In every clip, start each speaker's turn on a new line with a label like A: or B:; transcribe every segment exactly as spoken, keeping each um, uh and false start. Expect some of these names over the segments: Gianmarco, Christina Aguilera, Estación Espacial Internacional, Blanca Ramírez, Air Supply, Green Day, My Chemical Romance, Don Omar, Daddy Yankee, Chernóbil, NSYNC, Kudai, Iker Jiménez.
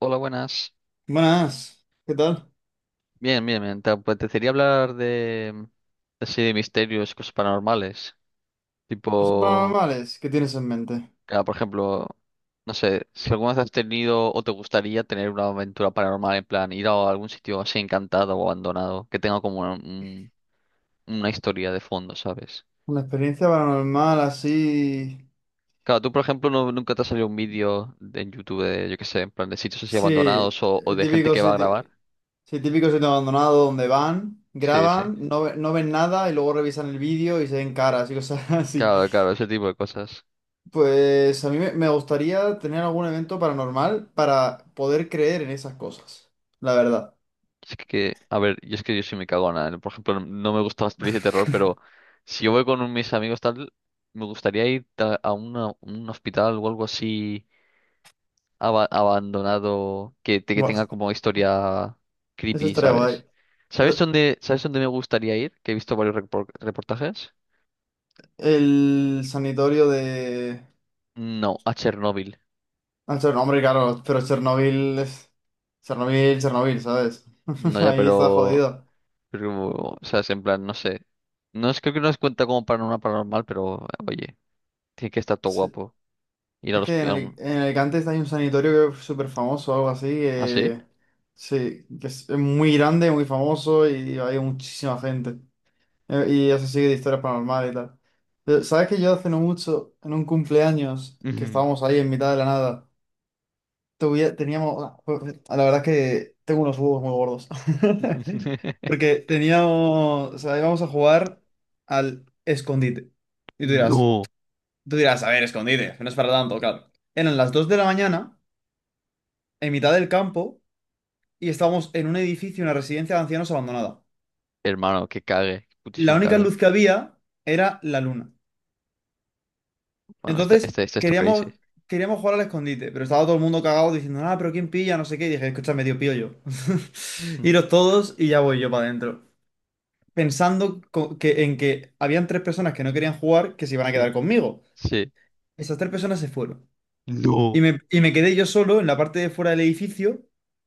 A: Hola, buenas.
B: Buenas, ¿qué tal?
A: Bien, bien, bien. Te apetecería hablar de, así de misterios, cosas paranormales.
B: ¿Cosas
A: Tipo,
B: paranormales? ¿Qué tienes en mente?
A: ah, por ejemplo, no sé, si alguna vez has tenido o te gustaría tener una aventura paranormal, en plan, ir a algún sitio así encantado o abandonado, que tenga como un- una historia de fondo, ¿sabes?
B: Una experiencia paranormal así.
A: Claro, tú, por ejemplo, no- nunca te ha salido un vídeo de- en YouTube de, yo qué sé, en plan, de sitios así
B: Sí,
A: abandonados o, o
B: el
A: de gente
B: típico
A: que va a
B: sitio,
A: grabar.
B: sí, típico sitio abandonado donde van,
A: Sí, sí.
B: graban, no, ve- no ven nada y luego revisan el vídeo y se ven caras y cosas así.
A: Claro, claro, ese tipo de cosas.
B: Pues a mí me me gustaría tener algún evento paranormal para poder creer en esas cosas, la verdad.
A: Es que, a ver, yo es que yo soy muy cagona, ¿eh? Por ejemplo, no me gusta las pelis de terror, pero si yo voy con mis amigos tal, me gustaría ir a a una- un hospital o algo así aba- abandonado que, te- que
B: Bueno,
A: tenga como historia
B: eso
A: creepy,
B: estaría guay.
A: ¿sabes? ¿Sabes dónde, sabes dónde me gustaría ir? Que he visto varios repor- reportajes.
B: El sanitorio de...
A: No, a Chernóbil.
B: Ah, Cher- hombre, claro, pero Chernobyl es... Chernobyl, Chernobyl, ¿sabes?
A: No, ya,
B: Ahí está
A: pero,
B: jodido.
A: pero, o sea, es en plan, no sé. No es, creo que no es cuenta como para una paranormal, pero oye, tiene que estar todo
B: Sí,
A: guapo. Ir
B: es
A: al
B: que en,
A: hospital.
B: Ali- en Alicante hay un sanatorio que es súper famoso, algo así.
A: ¿Ah, sí?
B: Eh, sí, que es muy grande, muy famoso y hay muchísima gente. Eh, y eso sigue de historias paranormales y tal. Pero, ¿sabes que yo hace no mucho, en un cumpleaños, que
A: Ujú.
B: estábamos ahí en mitad de la nada? Tuvi- teníamos, la verdad es que tengo unos huevos muy gordos. Porque teníamos, o sea, íbamos a jugar al escondite. Y tú dirás,
A: No,
B: tú dirás, a ver, escondite, que no es para tanto, claro. Eran las dos de la mañana, en mitad del campo, y estábamos en un edificio, una residencia de ancianos abandonada.
A: hermano, que cague, que
B: La
A: putísimo
B: única
A: cague.
B: luz que había era la luna.
A: Bueno, este,
B: Entonces,
A: este, este es tu crazy.
B: queríamos, queríamos jugar al escondite, pero estaba todo el mundo cagado diciendo, ah, pero ¿quién pilla? No sé qué. Y dije, escúchame, tío, pillo yo.
A: Mm.
B: Iros todos y ya voy yo para adentro. Pensando co- que, en que habían tres personas que no querían jugar que se iban a
A: Sí,
B: quedar conmigo.
A: sí.
B: Esas tres personas se fueron.
A: No.
B: Y me, y me quedé yo solo en la parte de fuera del edificio,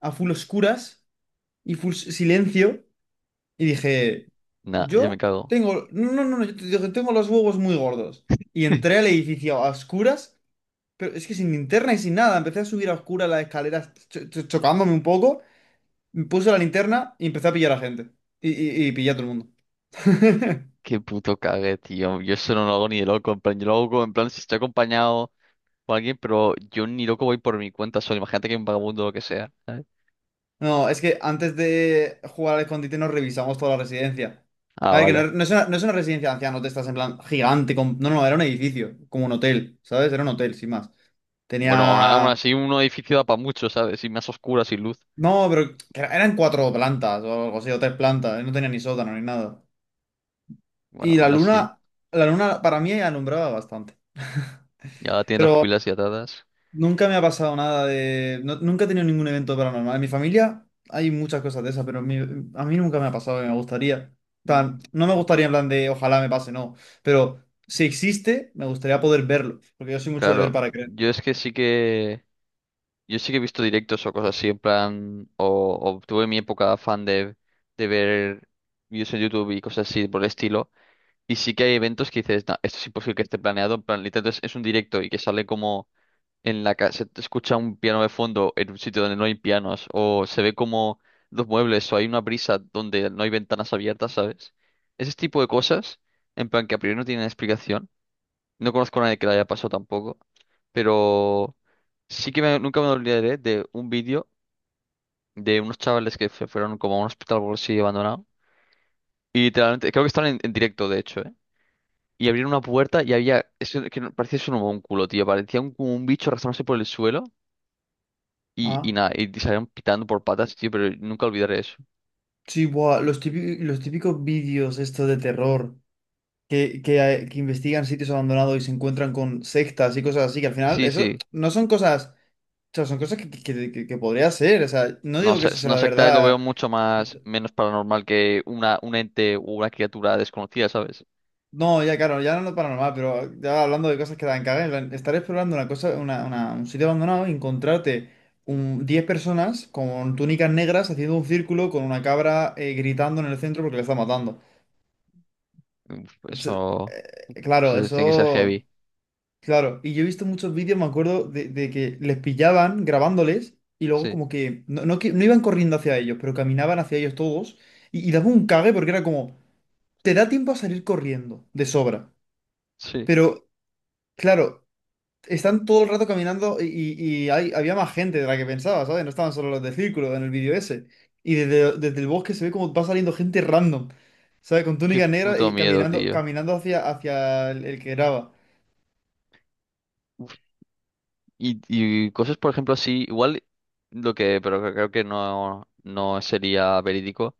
B: a full oscuras y full s- silencio. Y dije,
A: Nah, yo me
B: yo
A: cago.
B: tengo, no, no, no, yo te- tengo los huevos muy gordos. Y entré al edificio a oscuras, pero es que sin linterna y sin nada, empecé a subir a oscuras las escaleras, cho- cho- chocándome un poco, me puse la linterna y empecé a pillar a gente. Y, y, y pillé a todo el mundo.
A: Qué puto cague, tío. Yo eso no lo hago ni de loco. En plan, yo lo hago en plan si estoy acompañado por alguien, pero yo ni loco voy por mi cuenta solo. Imagínate que hay un vagabundo o lo que sea, ¿sabes?
B: No, es que antes de jugar al escondite nos revisamos toda la residencia.
A: Ah,
B: A ver, que no,
A: vale.
B: no es una, no es una residencia de ancianos, te estás en plan gigante. Con... No, no, era un edificio, como un hotel, ¿sabes? Era un hotel, sin más.
A: Bueno, aún aún
B: Tenía...
A: así un edificio da para mucho, ¿sabes? Y más oscura, sin luz.
B: No, pero que era- eran cuatro plantas o algo así, o tres plantas. No tenía ni sótano ni nada.
A: Bueno,
B: Y la
A: aún así.
B: luna, la luna para mí alumbraba bastante.
A: Ya tienen las
B: Pero
A: pupilas y atadas.
B: nunca me ha pasado nada de... no- nunca he tenido ningún evento paranormal. En mi familia hay muchas cosas de esas, pero en mi- a mí nunca me ha pasado y me gustaría. Tan,
A: Mm.
B: no me gustaría en plan de ojalá me pase, no. Pero si existe, me gustaría poder verlo, porque yo soy mucho de ver
A: Claro,
B: para creer.
A: yo es que sí que yo sí que he visto directos o cosas así en plan o, o tuve mi época fan de, de ver vídeos en YouTube y cosas así por el estilo y sí que hay eventos que dices, "No, esto es imposible que esté planeado, en plan literalmente es, es un directo y que sale como en la casa, se escucha un piano de fondo en un sitio donde no hay pianos o se ve como los muebles o hay una brisa donde no hay ventanas abiertas, ¿sabes? Ese tipo de cosas en plan que a priori no tienen explicación, no conozco a nadie que la haya pasado tampoco, pero sí que me- nunca me olvidaré de un vídeo de unos chavales que se fueron como a un hospital por así abandonado. Y literalmente, creo que estaban en, en directo, de hecho, ¿eh? Y abrieron una puerta y había, eso que no- parecía eso un culo, tío, parecía un, como un bicho arrastrándose por el suelo y, y
B: Ah,
A: nada, y salieron pitando por patas, tío, pero nunca olvidaré eso.
B: sí, buah, los típi- los típicos vídeos estos de terror que, que, hay- que investigan sitios abandonados y se encuentran con sectas y cosas así, que al final
A: Sí,
B: eso
A: sí.
B: no son cosas... O sea, son cosas que, que, que, que podría ser. O sea, no
A: No
B: digo que
A: sé,
B: eso sea
A: no
B: la
A: secta lo veo
B: verdad.
A: mucho más, menos paranormal que una, un ente o una criatura desconocida, ¿sabes?
B: No, ya claro, ya no es paranormal, pero ya hablando de cosas que dan caga, en plan, estar explorando una cosa, una, una- un sitio abandonado y encontrarte un, diez personas con túnicas negras haciendo un círculo con una cabra, eh, gritando en el centro porque le está matando.
A: Uf,
B: O sea,
A: Eso,
B: eh, claro,
A: eso tiene que ser
B: eso...
A: heavy.
B: Claro, y yo he visto muchos vídeos, me acuerdo, de, de que les pillaban grabándoles y luego
A: Sí,
B: como que no, no, que- no iban corriendo hacia ellos, pero caminaban hacia ellos todos y, y daba un cague porque era como, te da tiempo a salir corriendo de sobra,
A: sí.
B: pero... Claro, están todo el rato caminando y, y- y hay, había más gente de la que pensaba, ¿sabes? No estaban solo los del círculo en el vídeo ese. Y desde, desde el bosque se ve como va saliendo gente random, ¿sabes? Con
A: Qué
B: túnica negra
A: puto
B: y
A: miedo,
B: caminando,
A: tío.
B: caminando hacia, hacia el, el que graba.
A: Uf, Y, y cosas, por ejemplo, así, igual lo que, pero que creo que no, no sería verídico.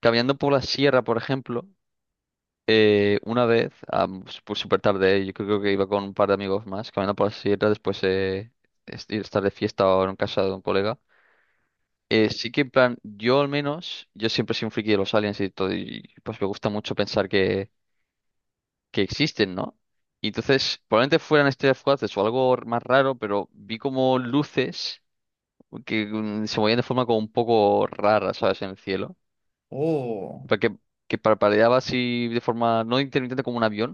A: Caminando por la sierra, por ejemplo, eh, una vez, am, s- pues súper tarde, eh, yo creo que iba con un par de amigos más, caminando por la sierra después de estar de fiesta o en casa de un colega. Eh, sí que en plan, yo al menos, yo siempre soy un friki de los aliens y todo, y pues me gusta mucho pensar que que existen, ¿no? Y entonces, probablemente fueran estrellas fugaces o algo r- más raro, pero vi como luces que mm, se movían de forma como un poco rara, ¿sabes? En el cielo.
B: Oh,
A: Para que, que parpadeaba así de forma no intermitente como un avión,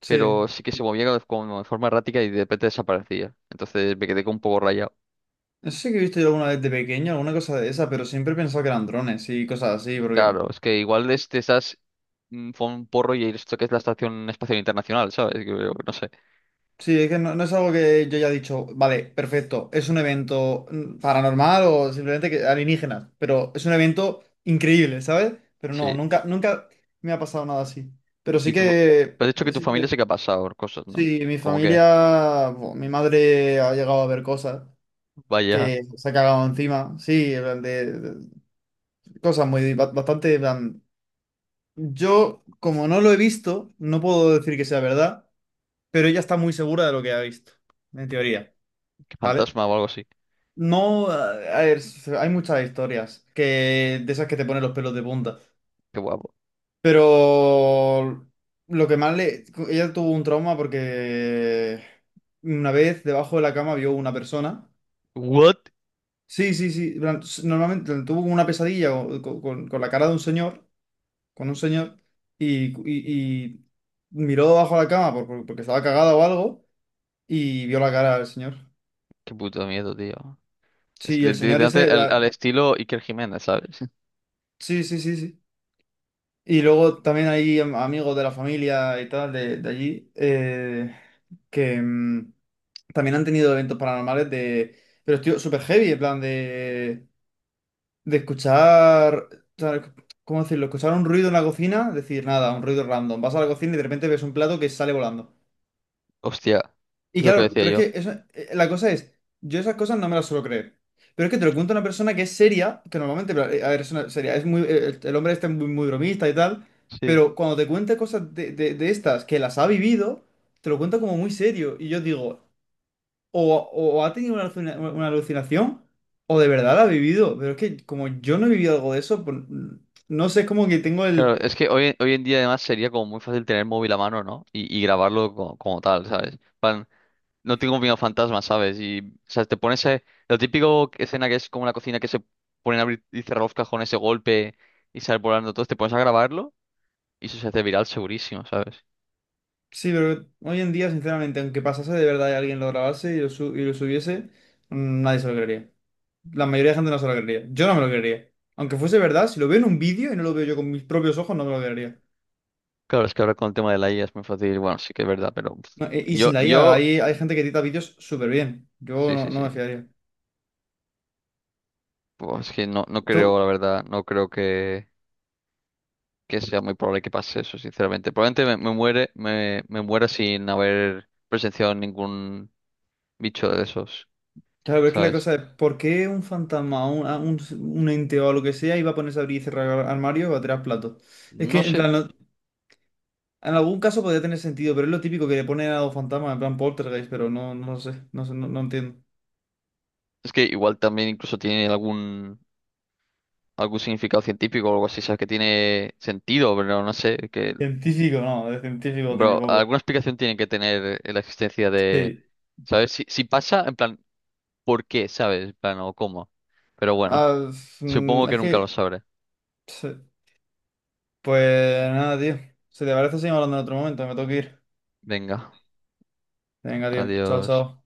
B: sí.
A: pero sí que se movía como de como de forma errática y de repente desaparecía. Entonces me quedé como un poco rayado.
B: No sé si he visto yo alguna vez de pequeño alguna cosa de esa, pero siempre he pensado que eran drones y cosas así, porque
A: Claro, es que igual es de esas, mm, fue un porro y esto que es la Estación Espacial Internacional, ¿sabes? Que, no sé.
B: sí, es que no, no es algo que yo haya dicho, vale, perfecto, es un evento mm, paranormal o simplemente que alienígenas, pero es un evento increíble, ¿sabes? Pero no,
A: Sí.
B: nunca, nunca me ha pasado nada así. Pero
A: Y
B: sí
A: tú,
B: que,
A: pero has dicho que tu
B: sí
A: familia
B: que,
A: sí que ha pasado cosas, ¿no?
B: sí, mi
A: Como que.
B: familia, bo, mi madre ha llegado a ver cosas
A: Vaya,
B: que se ha cagado encima, sí, en plan de, de- cosas muy, ba- bastante, en plan, yo, como no lo he visto, no puedo decir que sea verdad, pero ella está muy segura de lo que ha visto, en teoría,
A: qué
B: ¿vale?
A: fantasma o algo así.
B: No, a ver, hay muchas historias que, de esas que te ponen los pelos de punta.
A: Qué guapo.
B: Pero lo que más le... Ella tuvo un trauma porque una vez debajo de la cama vio una persona.
A: What?
B: Sí, sí, sí. En plan, s- normalmente tuvo como una pesadilla o- con, con- con la cara de un señor, con un señor, y, y- y miró debajo de la cama por- por- porque estaba cagada o algo y vio la cara del señor.
A: Qué puto miedo, tío.
B: Sí,
A: Es
B: y
A: li-
B: el señor
A: literalmente
B: ese...
A: al,
B: la-
A: al estilo Iker Jiménez, ¿sabes?
B: sí, sí, sí, sí. Y luego también hay am- amigos de la familia y tal de, de allí, eh, que mm, también han tenido eventos paranormales de... Pero estoy súper heavy, en plan de, de escuchar... ¿sabes? ¿Cómo decirlo? Escuchar un ruido en la cocina, decir nada, un ruido random. Vas a la cocina y de repente ves un plato que sale volando.
A: Hostia,
B: Y
A: es lo que
B: claro,
A: decía
B: pero es
A: yo.
B: que eso- eh, la cosa es, yo esas cosas no me las suelo creer. Pero es que te lo cuento a una persona que es seria, que normalmente, pero, eh, a ver, es una seria, es muy, eh, el, el hombre este es muy, muy bromista y tal,
A: Sí.
B: pero cuando te cuenta cosas de, de- de estas que las ha vivido, te lo cuenta como muy serio. Y yo digo, o, o ha tenido una, alucina- una alucinación, o de verdad la ha vivido. Pero es que como yo no he vivido algo de eso, pues, mm, no sé, es como que tengo
A: Claro,
B: el...
A: es que hoy, hoy en día además sería como muy fácil tener el móvil a mano, ¿no? Y, y grabarlo co- como, tal, ¿sabes? Plan, no tengo miedo a fantasmas, ¿sabes? Y, o sea, te pones eh, lo típico escena que es como la cocina que se ponen a abrir y cerrar los cajones ese golpe y sale volando todo, te pones a grabarlo y eso se hace viral segurísimo, ¿sabes?
B: Sí, pero hoy en día, sinceramente, aunque pasase de verdad y alguien lo grabase y lo, su- y lo subiese, mm, nadie se lo creería. La mayoría de gente no se lo creería. Yo no me lo creería. Aunque fuese verdad, si lo veo en un vídeo y no lo veo yo con mis propios ojos, no me lo creería.
A: Claro, es que ahora con el tema de la I A es muy fácil. Bueno, sí que es verdad, pero pf,
B: No, e- y sin
A: yo,
B: la I A,
A: yo,
B: hay, hay gente que edita vídeos súper bien. Yo
A: sí,
B: no,
A: sí,
B: no me
A: sí.
B: fiaría.
A: Pues es que no, no
B: Tú-
A: creo, la verdad, no creo que, que sea muy probable que pase eso, sinceramente. Probablemente me, me muere, me, me muera sin haber presenciado ningún bicho de esos,
B: claro, pero es que la
A: ¿sabes?
B: cosa es, ¿por qué un fantasma, un, a- un, un ente o lo que sea iba a ponerse a abrir y cerrar armario o a tirar platos? Es que,
A: No
B: en
A: sé.
B: plan, no- en algún caso podría tener sentido, pero es lo típico que le ponen a los fantasmas, en plan poltergeist, pero no, no lo sé, no sé, no, no entiendo.
A: Es que igual también incluso tiene algún, algún significado científico o algo así, ¿sabes? Que tiene sentido, pero no sé, que,
B: Científico, no, de científico tiene
A: bro,
B: poco.
A: alguna explicación tiene que tener la existencia de,
B: Sí.
A: ¿sabes? Si, si pasa, en plan. Por qué, ¿sabes? Bueno, cómo. Pero bueno,
B: Ah,
A: supongo
B: mm,
A: que
B: es
A: nunca lo
B: que...
A: sabré.
B: sí. Pues nada, tío. Si te parece, seguimos hablando en otro momento. Me tengo que ir.
A: Venga,
B: Venga, tío. Chao,
A: adiós.
B: chao.